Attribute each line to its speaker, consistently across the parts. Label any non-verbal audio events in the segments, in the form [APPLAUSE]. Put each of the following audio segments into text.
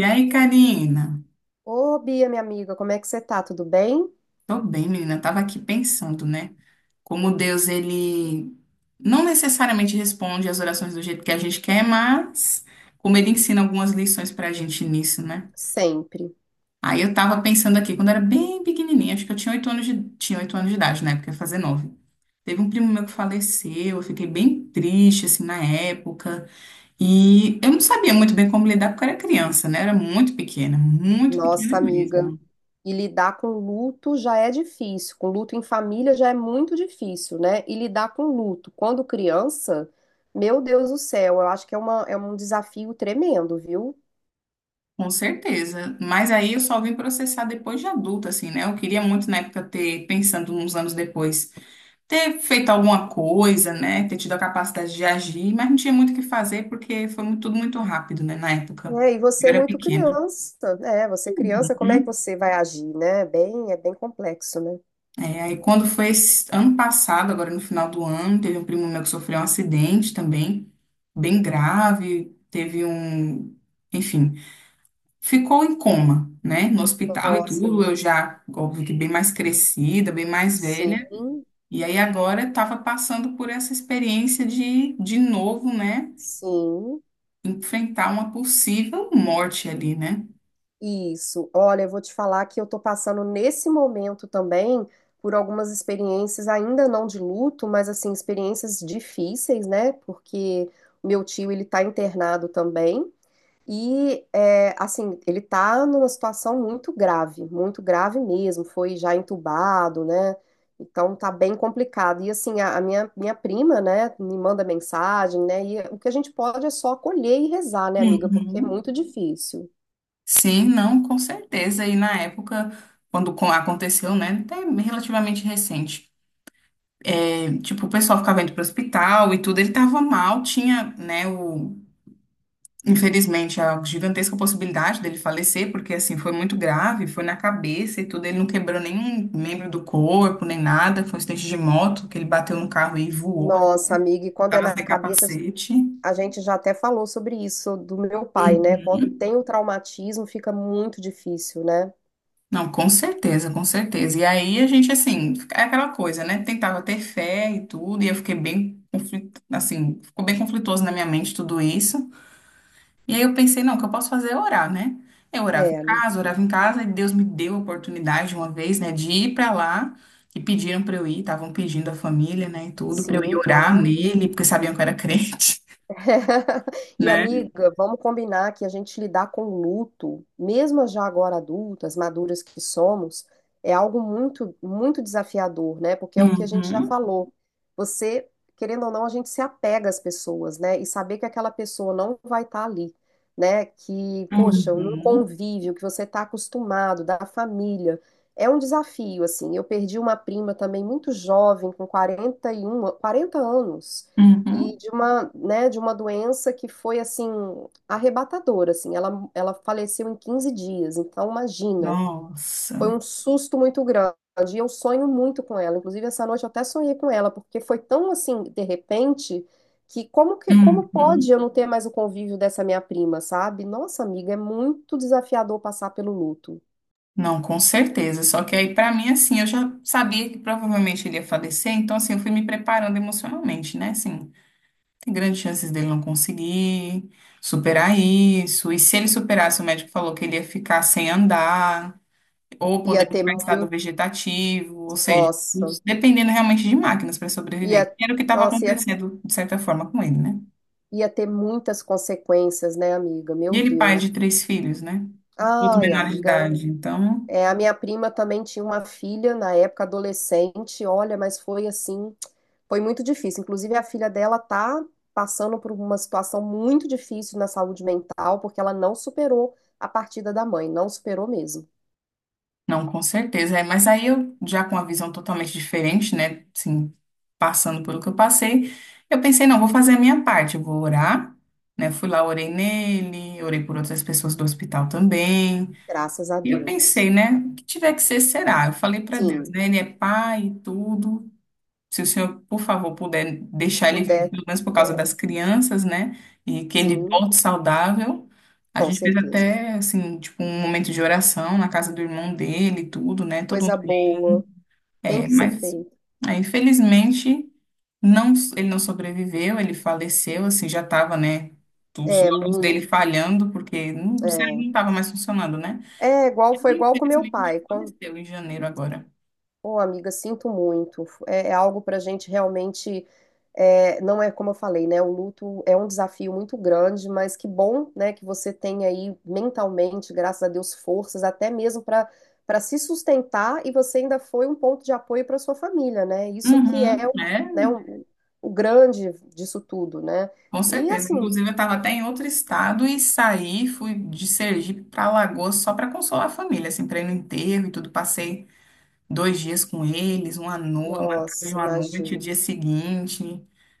Speaker 1: E aí, Karina?
Speaker 2: Ô, Bia, minha amiga, como é que você tá? Tudo bem?
Speaker 1: Tô bem, menina. Eu tava aqui pensando, né? Como Deus, ele não necessariamente responde às orações do jeito que a gente quer, mas como ele ensina algumas lições pra gente nisso, né?
Speaker 2: Sempre.
Speaker 1: Aí eu tava pensando aqui, quando eu era bem pequenininha, acho que eu tinha tinha oito anos de idade, na época, ia fazer 9. Teve um primo meu que faleceu, eu fiquei bem triste, assim, na época. E eu não sabia muito bem como lidar, porque eu era criança, né? Eu era muito pequena
Speaker 2: Nossa, amiga.
Speaker 1: mesmo.
Speaker 2: E lidar com luto já é difícil. Com luto em família já é muito difícil, né? E lidar com luto quando criança, meu Deus do céu, eu acho que é um desafio tremendo, viu?
Speaker 1: Com certeza. Mas aí eu só vim processar depois de adulta, assim, né? Eu queria muito na época ter, pensando uns anos depois, ter feito alguma coisa, né? Ter tido a capacidade de agir, mas não tinha muito o que fazer porque foi tudo muito rápido, né? Na época.
Speaker 2: É, e você
Speaker 1: Eu
Speaker 2: é
Speaker 1: era
Speaker 2: muito
Speaker 1: pequena.
Speaker 2: criança, né? Você é criança, como é que
Speaker 1: Uhum.
Speaker 2: você vai agir, né? Bem, é bem complexo, né?
Speaker 1: É, aí quando foi esse ano passado, agora no final do ano, teve um primo meu que sofreu um acidente também, bem grave, teve um, enfim. Ficou em coma, né? No hospital e, uhum,
Speaker 2: Nossa,
Speaker 1: tudo. Eu
Speaker 2: amiga.
Speaker 1: já, óbvio que bem mais crescida, bem mais velha.
Speaker 2: Sim,
Speaker 1: E aí agora estava passando por essa experiência de novo, né?
Speaker 2: sim.
Speaker 1: Enfrentar uma possível morte ali, né?
Speaker 2: Isso. Olha, eu vou te falar que eu tô passando nesse momento também por algumas experiências, ainda não de luto, mas assim, experiências difíceis, né? Porque o meu tio, ele tá internado também. E, é, assim, ele tá numa situação muito grave mesmo. Foi já entubado, né? Então tá bem complicado. E assim, minha prima, né, me manda mensagem, né? E o que a gente pode é só acolher e rezar, né, amiga? Porque é
Speaker 1: Uhum.
Speaker 2: muito difícil.
Speaker 1: Sim, não, com certeza. E na época, quando aconteceu, né? Até relativamente recente. É, tipo, o pessoal ficava indo para o hospital e tudo. Ele estava mal, tinha, né? o Infelizmente, a gigantesca possibilidade dele falecer, porque assim, foi muito grave, foi na cabeça e tudo, ele não quebrou nenhum membro do corpo, nem nada, foi um acidente de moto, que ele bateu no carro e voou,
Speaker 2: Nossa, amiga, e quando é
Speaker 1: estava
Speaker 2: na
Speaker 1: sem
Speaker 2: cabeça,
Speaker 1: capacete.
Speaker 2: a gente já até falou sobre isso do meu pai, né? Quando
Speaker 1: Uhum.
Speaker 2: tem o traumatismo, fica muito difícil, né?
Speaker 1: Não, com certeza, com certeza. E aí a gente, assim, é aquela coisa, né? Tentava ter fé e tudo, e eu fiquei bem, assim, ficou bem conflituoso na minha mente tudo isso. E aí eu pensei, não, o que eu posso fazer é orar, né? Eu
Speaker 2: É, amiga.
Speaker 1: orava em casa, e Deus me deu a oportunidade uma vez, né, de ir pra lá, e pediram pra eu ir, estavam pedindo a família, né, e tudo, pra eu ir
Speaker 2: Sim,
Speaker 1: orar
Speaker 2: claro.
Speaker 1: nele, porque sabiam que eu era crente,
Speaker 2: [LAUGHS]
Speaker 1: [LAUGHS]
Speaker 2: E
Speaker 1: né?
Speaker 2: amiga, vamos combinar que a gente lidar com luto, mesmo já agora adultas, maduras que somos, é algo muito, muito desafiador, né? Porque é o que a gente já
Speaker 1: Uhum,
Speaker 2: falou. Você, querendo ou não, a gente se apega às pessoas, né? E saber que aquela pessoa não vai estar ali, né? Que, poxa, num
Speaker 1: uhum,
Speaker 2: convívio que você está acostumado, da família. É um desafio, assim. Eu perdi uma prima também muito jovem, com 41, 40 anos e
Speaker 1: uhum.
Speaker 2: de uma, né, de uma doença que foi assim arrebatadora, assim. Ela faleceu em 15 dias, então imagina,
Speaker 1: Nossa.
Speaker 2: foi um susto muito grande. E eu sonho muito com ela. Inclusive essa noite eu até sonhei com ela, porque foi tão assim, de repente, que como pode
Speaker 1: Uhum.
Speaker 2: eu não ter mais o convívio dessa minha prima, sabe? Nossa, amiga, é muito desafiador passar pelo luto.
Speaker 1: Não, com certeza. Só que aí, pra mim, assim, eu já sabia que provavelmente ele ia falecer, então, assim, eu fui me preparando emocionalmente, né, assim. Tem grandes chances dele não conseguir superar isso. E se ele superasse, o médico falou que ele ia ficar sem andar, ou
Speaker 2: Ia
Speaker 1: poderia
Speaker 2: ter
Speaker 1: ficar em estado
Speaker 2: muito,
Speaker 1: vegetativo, ou seja,
Speaker 2: nossa,
Speaker 1: dependendo realmente de máquinas para sobreviver.
Speaker 2: ia,
Speaker 1: Que era o que estava
Speaker 2: nossa, ia,
Speaker 1: acontecendo, de certa forma, com ele, né?
Speaker 2: ia ter muitas consequências, né, amiga?
Speaker 1: E
Speaker 2: Meu
Speaker 1: ele pai de
Speaker 2: Deus.
Speaker 1: três filhos, né? Todos
Speaker 2: Ai,
Speaker 1: menores de
Speaker 2: amiga,
Speaker 1: idade. Então.
Speaker 2: é, a minha prima também tinha uma filha na época adolescente, olha, mas foi assim, foi muito difícil. Inclusive, a filha dela tá passando por uma situação muito difícil na saúde mental, porque ela não superou a partida da mãe, não superou mesmo.
Speaker 1: Não, com certeza. É, mas aí eu, já com uma visão totalmente diferente, né? Assim, passando pelo que eu passei, eu pensei, não, vou fazer a minha parte, eu vou orar, né? Fui lá, orei nele, orei por outras pessoas do hospital também.
Speaker 2: Graças a
Speaker 1: E eu
Speaker 2: Deus.
Speaker 1: pensei, né? O que tiver que ser, será. Eu falei para Deus,
Speaker 2: Sim,
Speaker 1: né? Ele é pai e tudo. Se o senhor, por favor, puder deixar ele vivo,
Speaker 2: puder,
Speaker 1: pelo menos por causa
Speaker 2: é,
Speaker 1: das crianças, né? E que ele
Speaker 2: sim,
Speaker 1: volte saudável. A
Speaker 2: com
Speaker 1: gente fez
Speaker 2: certeza.
Speaker 1: até, assim, tipo, um momento de oração na casa do irmão dele, e tudo, né? Todo
Speaker 2: Coisa
Speaker 1: mundo.
Speaker 2: boa, tem
Speaker 1: É,
Speaker 2: que ser
Speaker 1: mas,
Speaker 2: feito.
Speaker 1: aí, infelizmente, não, ele não sobreviveu, ele faleceu, assim, já estava, né? Os
Speaker 2: É,
Speaker 1: órgãos dele
Speaker 2: muito.
Speaker 1: falhando, porque o cérebro não estava mais funcionando, né?
Speaker 2: É, é igual, foi
Speaker 1: Ele,
Speaker 2: igual com meu
Speaker 1: infelizmente,
Speaker 2: pai. Quando
Speaker 1: faleceu em janeiro agora.
Speaker 2: ô, amiga, sinto muito. É, é algo para a gente realmente. É, não é como eu falei, né? O luto é um desafio muito grande, mas que bom, né, que você tem aí mentalmente, graças a Deus, forças até mesmo para se sustentar e você ainda foi um ponto de apoio para sua família, né? Isso que
Speaker 1: Uhum,
Speaker 2: é, né, o, o grande disso tudo, né?
Speaker 1: com
Speaker 2: E
Speaker 1: certeza.
Speaker 2: assim,
Speaker 1: Inclusive, eu estava até em outro estado e saí, fui de Sergipe para Alagoas só para consolar a família, assim, para ir no enterro e tudo. Passei 2 dias com eles, uma noite, uma tarde,
Speaker 2: nossa,
Speaker 1: uma noite, o
Speaker 2: imagina.
Speaker 1: dia seguinte,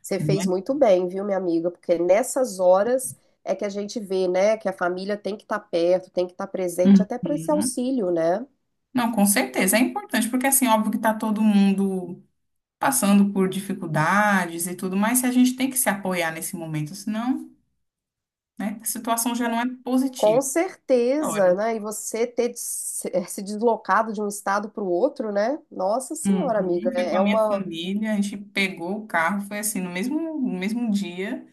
Speaker 2: Você
Speaker 1: né?
Speaker 2: fez muito bem, viu, minha amiga? Porque nessas horas é que a gente vê, né, que a família tem que estar perto, tem que estar presente até para esse
Speaker 1: Uhum.
Speaker 2: auxílio, né?
Speaker 1: Não, com certeza. É importante, porque assim, óbvio que está todo mundo passando por dificuldades e tudo, mas a gente tem que se apoiar nesse momento, senão, né, a situação já não é
Speaker 2: Com
Speaker 1: positiva.
Speaker 2: certeza, né? E você ter de se deslocado de um estado para o outro, né? Nossa Senhora,
Speaker 1: Uhum.
Speaker 2: amiga,
Speaker 1: Fui com a
Speaker 2: é
Speaker 1: minha
Speaker 2: uma.
Speaker 1: família, a gente pegou o carro, foi assim, no mesmo dia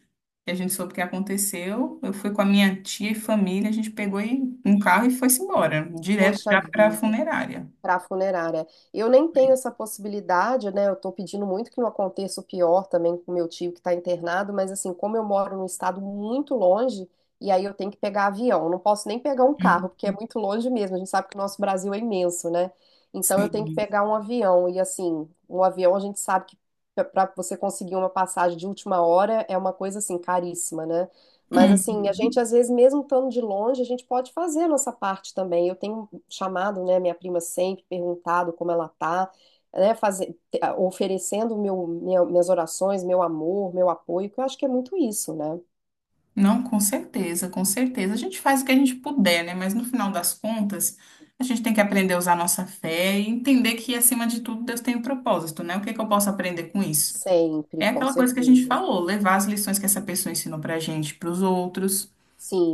Speaker 1: que a gente soube o que aconteceu, eu fui com a minha tia e família, a gente pegou um carro e foi-se embora, direto
Speaker 2: Poxa
Speaker 1: já para a
Speaker 2: vida.
Speaker 1: funerária.
Speaker 2: Para a funerária. Eu nem tenho essa possibilidade, né? Eu estou pedindo muito que não aconteça o pior também com meu tio que está internado, mas assim, como eu moro num estado muito longe, e aí eu tenho que pegar avião, eu não posso nem pegar um
Speaker 1: Hum,
Speaker 2: carro, porque é muito longe mesmo. A gente sabe que o nosso Brasil é imenso, né? Então eu tenho que
Speaker 1: Sim.
Speaker 2: pegar um avião, e assim, um avião a gente sabe que para você conseguir uma passagem de última hora é uma coisa assim caríssima, né? Mas assim, a gente
Speaker 1: Uhum.
Speaker 2: às vezes mesmo estando de longe, a gente pode fazer a nossa parte também. Eu tenho chamado, né, minha prima sempre, perguntado como ela tá, né, oferecendo minhas orações, meu amor, meu apoio, que eu acho que é muito isso, né?
Speaker 1: Não, com certeza, com certeza. A gente faz o que a gente puder, né? Mas no final das contas, a gente tem que aprender a usar a nossa fé e entender que, acima de tudo, Deus tem um propósito, né? O que que eu posso aprender com isso?
Speaker 2: Sempre,
Speaker 1: É
Speaker 2: com
Speaker 1: aquela coisa que a gente
Speaker 2: certeza.
Speaker 1: falou, levar as lições que essa pessoa ensinou pra gente, pros outros.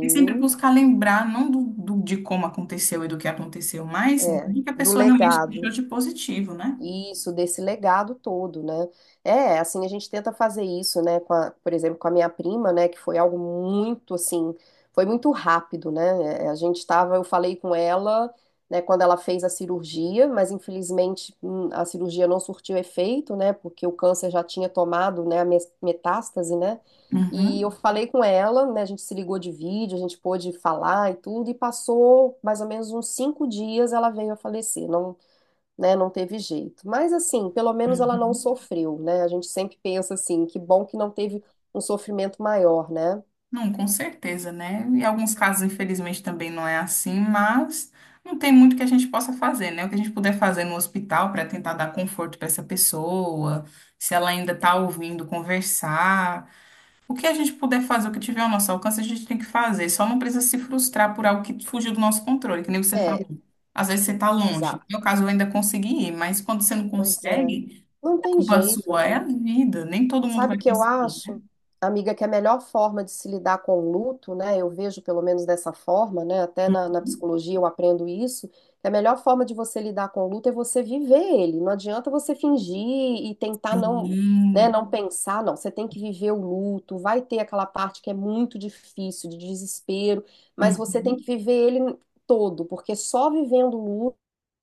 Speaker 1: E sempre buscar lembrar, não de como aconteceu e do que aconteceu, mas
Speaker 2: é,
Speaker 1: do que a
Speaker 2: do
Speaker 1: pessoa realmente deixou
Speaker 2: legado.
Speaker 1: de positivo, né?
Speaker 2: Isso, desse legado todo, né? É, assim, a gente tenta fazer isso, né, por exemplo, com a minha prima, né, que foi algo muito, assim, foi muito rápido, né? É, a gente tava, eu falei com ela, né, quando ela fez a cirurgia, mas infelizmente a cirurgia não surtiu efeito, né, porque o câncer já tinha tomado, né, metástase, né? E eu
Speaker 1: Uhum.
Speaker 2: falei com ela, né, a gente se ligou de vídeo, a gente pôde falar e tudo, e passou mais ou menos uns 5 dias, ela veio a falecer, não né? Não teve jeito. Mas assim, pelo menos ela não
Speaker 1: Uhum.
Speaker 2: sofreu, né? A gente sempre pensa assim, que bom que não teve um sofrimento maior, né?
Speaker 1: Não, com certeza, né? Em alguns casos, infelizmente, também não é assim, mas não tem muito que a gente possa fazer, né? O que a gente puder fazer no hospital para tentar dar conforto para essa pessoa, se ela ainda está ouvindo, conversar. O que a gente puder fazer, o que tiver ao nosso alcance, a gente tem que fazer. Só não precisa se frustrar por algo que fugiu do nosso controle, que nem você
Speaker 2: É,
Speaker 1: falou. Às vezes você está longe.
Speaker 2: exato.
Speaker 1: No meu caso, eu ainda consegui ir, mas quando você não
Speaker 2: Pois é,
Speaker 1: consegue,
Speaker 2: não
Speaker 1: é
Speaker 2: tem
Speaker 1: culpa
Speaker 2: jeito,
Speaker 1: sua, é
Speaker 2: é.
Speaker 1: a vida. Nem todo mundo
Speaker 2: Sabe o
Speaker 1: vai
Speaker 2: que eu
Speaker 1: conseguir, né?
Speaker 2: acho, amiga, que é a melhor forma de se lidar com o luto, né? Eu vejo pelo menos dessa forma, né? Até na psicologia eu aprendo isso, que a melhor forma de você lidar com o luto é você viver ele. Não adianta você fingir e tentar não, né,
Speaker 1: Sim.
Speaker 2: não pensar, não. Você tem que viver o luto, vai ter aquela parte que é muito difícil, de desespero, mas você tem que
Speaker 1: Uhum.
Speaker 2: viver ele todo, porque só vivendo o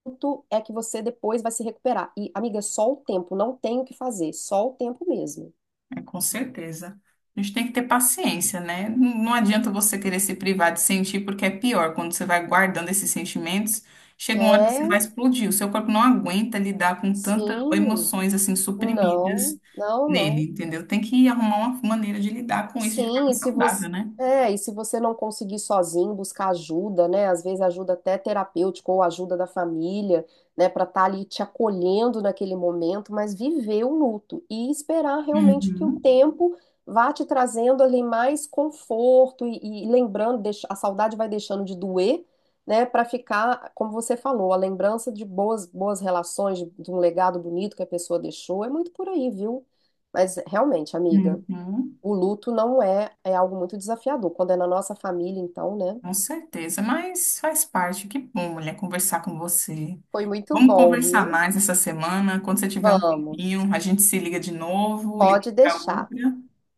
Speaker 2: luto é que você depois vai se recuperar. E, amiga, é só o tempo, não tem o que fazer, só o tempo mesmo.
Speaker 1: É, com certeza. A gente tem que ter paciência, né? Não adianta você querer se privar de sentir, porque é pior. Quando você vai guardando esses sentimentos, chega uma hora que você vai
Speaker 2: É,
Speaker 1: explodir. O seu corpo não aguenta lidar com tantas
Speaker 2: sim,
Speaker 1: emoções assim suprimidas
Speaker 2: não, não, não.
Speaker 1: nele, entendeu? Tem que arrumar uma maneira de lidar com isso de
Speaker 2: Sim,
Speaker 1: forma
Speaker 2: e se você,
Speaker 1: saudável, né?
Speaker 2: e se você não conseguir sozinho, buscar ajuda, né? Às vezes ajuda até terapêutica ou ajuda da família, né, para estar ali te acolhendo naquele momento, mas viver o luto e esperar realmente que o
Speaker 1: Uhum,
Speaker 2: tempo vá te trazendo ali mais conforto e lembrando, a saudade vai deixando de doer, né, para ficar, como você falou, a lembrança de boas relações, de um legado bonito que a pessoa deixou, é muito por aí, viu? Mas realmente, amiga,
Speaker 1: uhum,
Speaker 2: o luto não é, é algo muito desafiador. Quando é na nossa família, então, né?
Speaker 1: com certeza. Mas faz parte. Que bom, mulher, conversar com você.
Speaker 2: Foi muito
Speaker 1: Vamos
Speaker 2: bom,
Speaker 1: conversar
Speaker 2: viu?
Speaker 1: mais essa semana. Quando você tiver um
Speaker 2: Vamos,
Speaker 1: tempinho, a gente se liga de novo, liga
Speaker 2: pode
Speaker 1: para
Speaker 2: deixar.
Speaker 1: outra,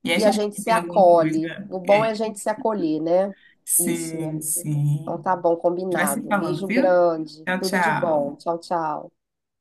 Speaker 1: e aí a
Speaker 2: E a
Speaker 1: gente
Speaker 2: gente se
Speaker 1: combina alguma coisa.
Speaker 2: acolhe. O bom
Speaker 1: É.
Speaker 2: é a gente se acolher, né? Isso, minha
Speaker 1: Sim,
Speaker 2: amiga. Então
Speaker 1: sim.
Speaker 2: tá bom,
Speaker 1: A gente vai se
Speaker 2: combinado.
Speaker 1: falando,
Speaker 2: Beijo
Speaker 1: viu?
Speaker 2: grande,
Speaker 1: Tchau,
Speaker 2: tudo de bom.
Speaker 1: tchau.
Speaker 2: Tchau, tchau.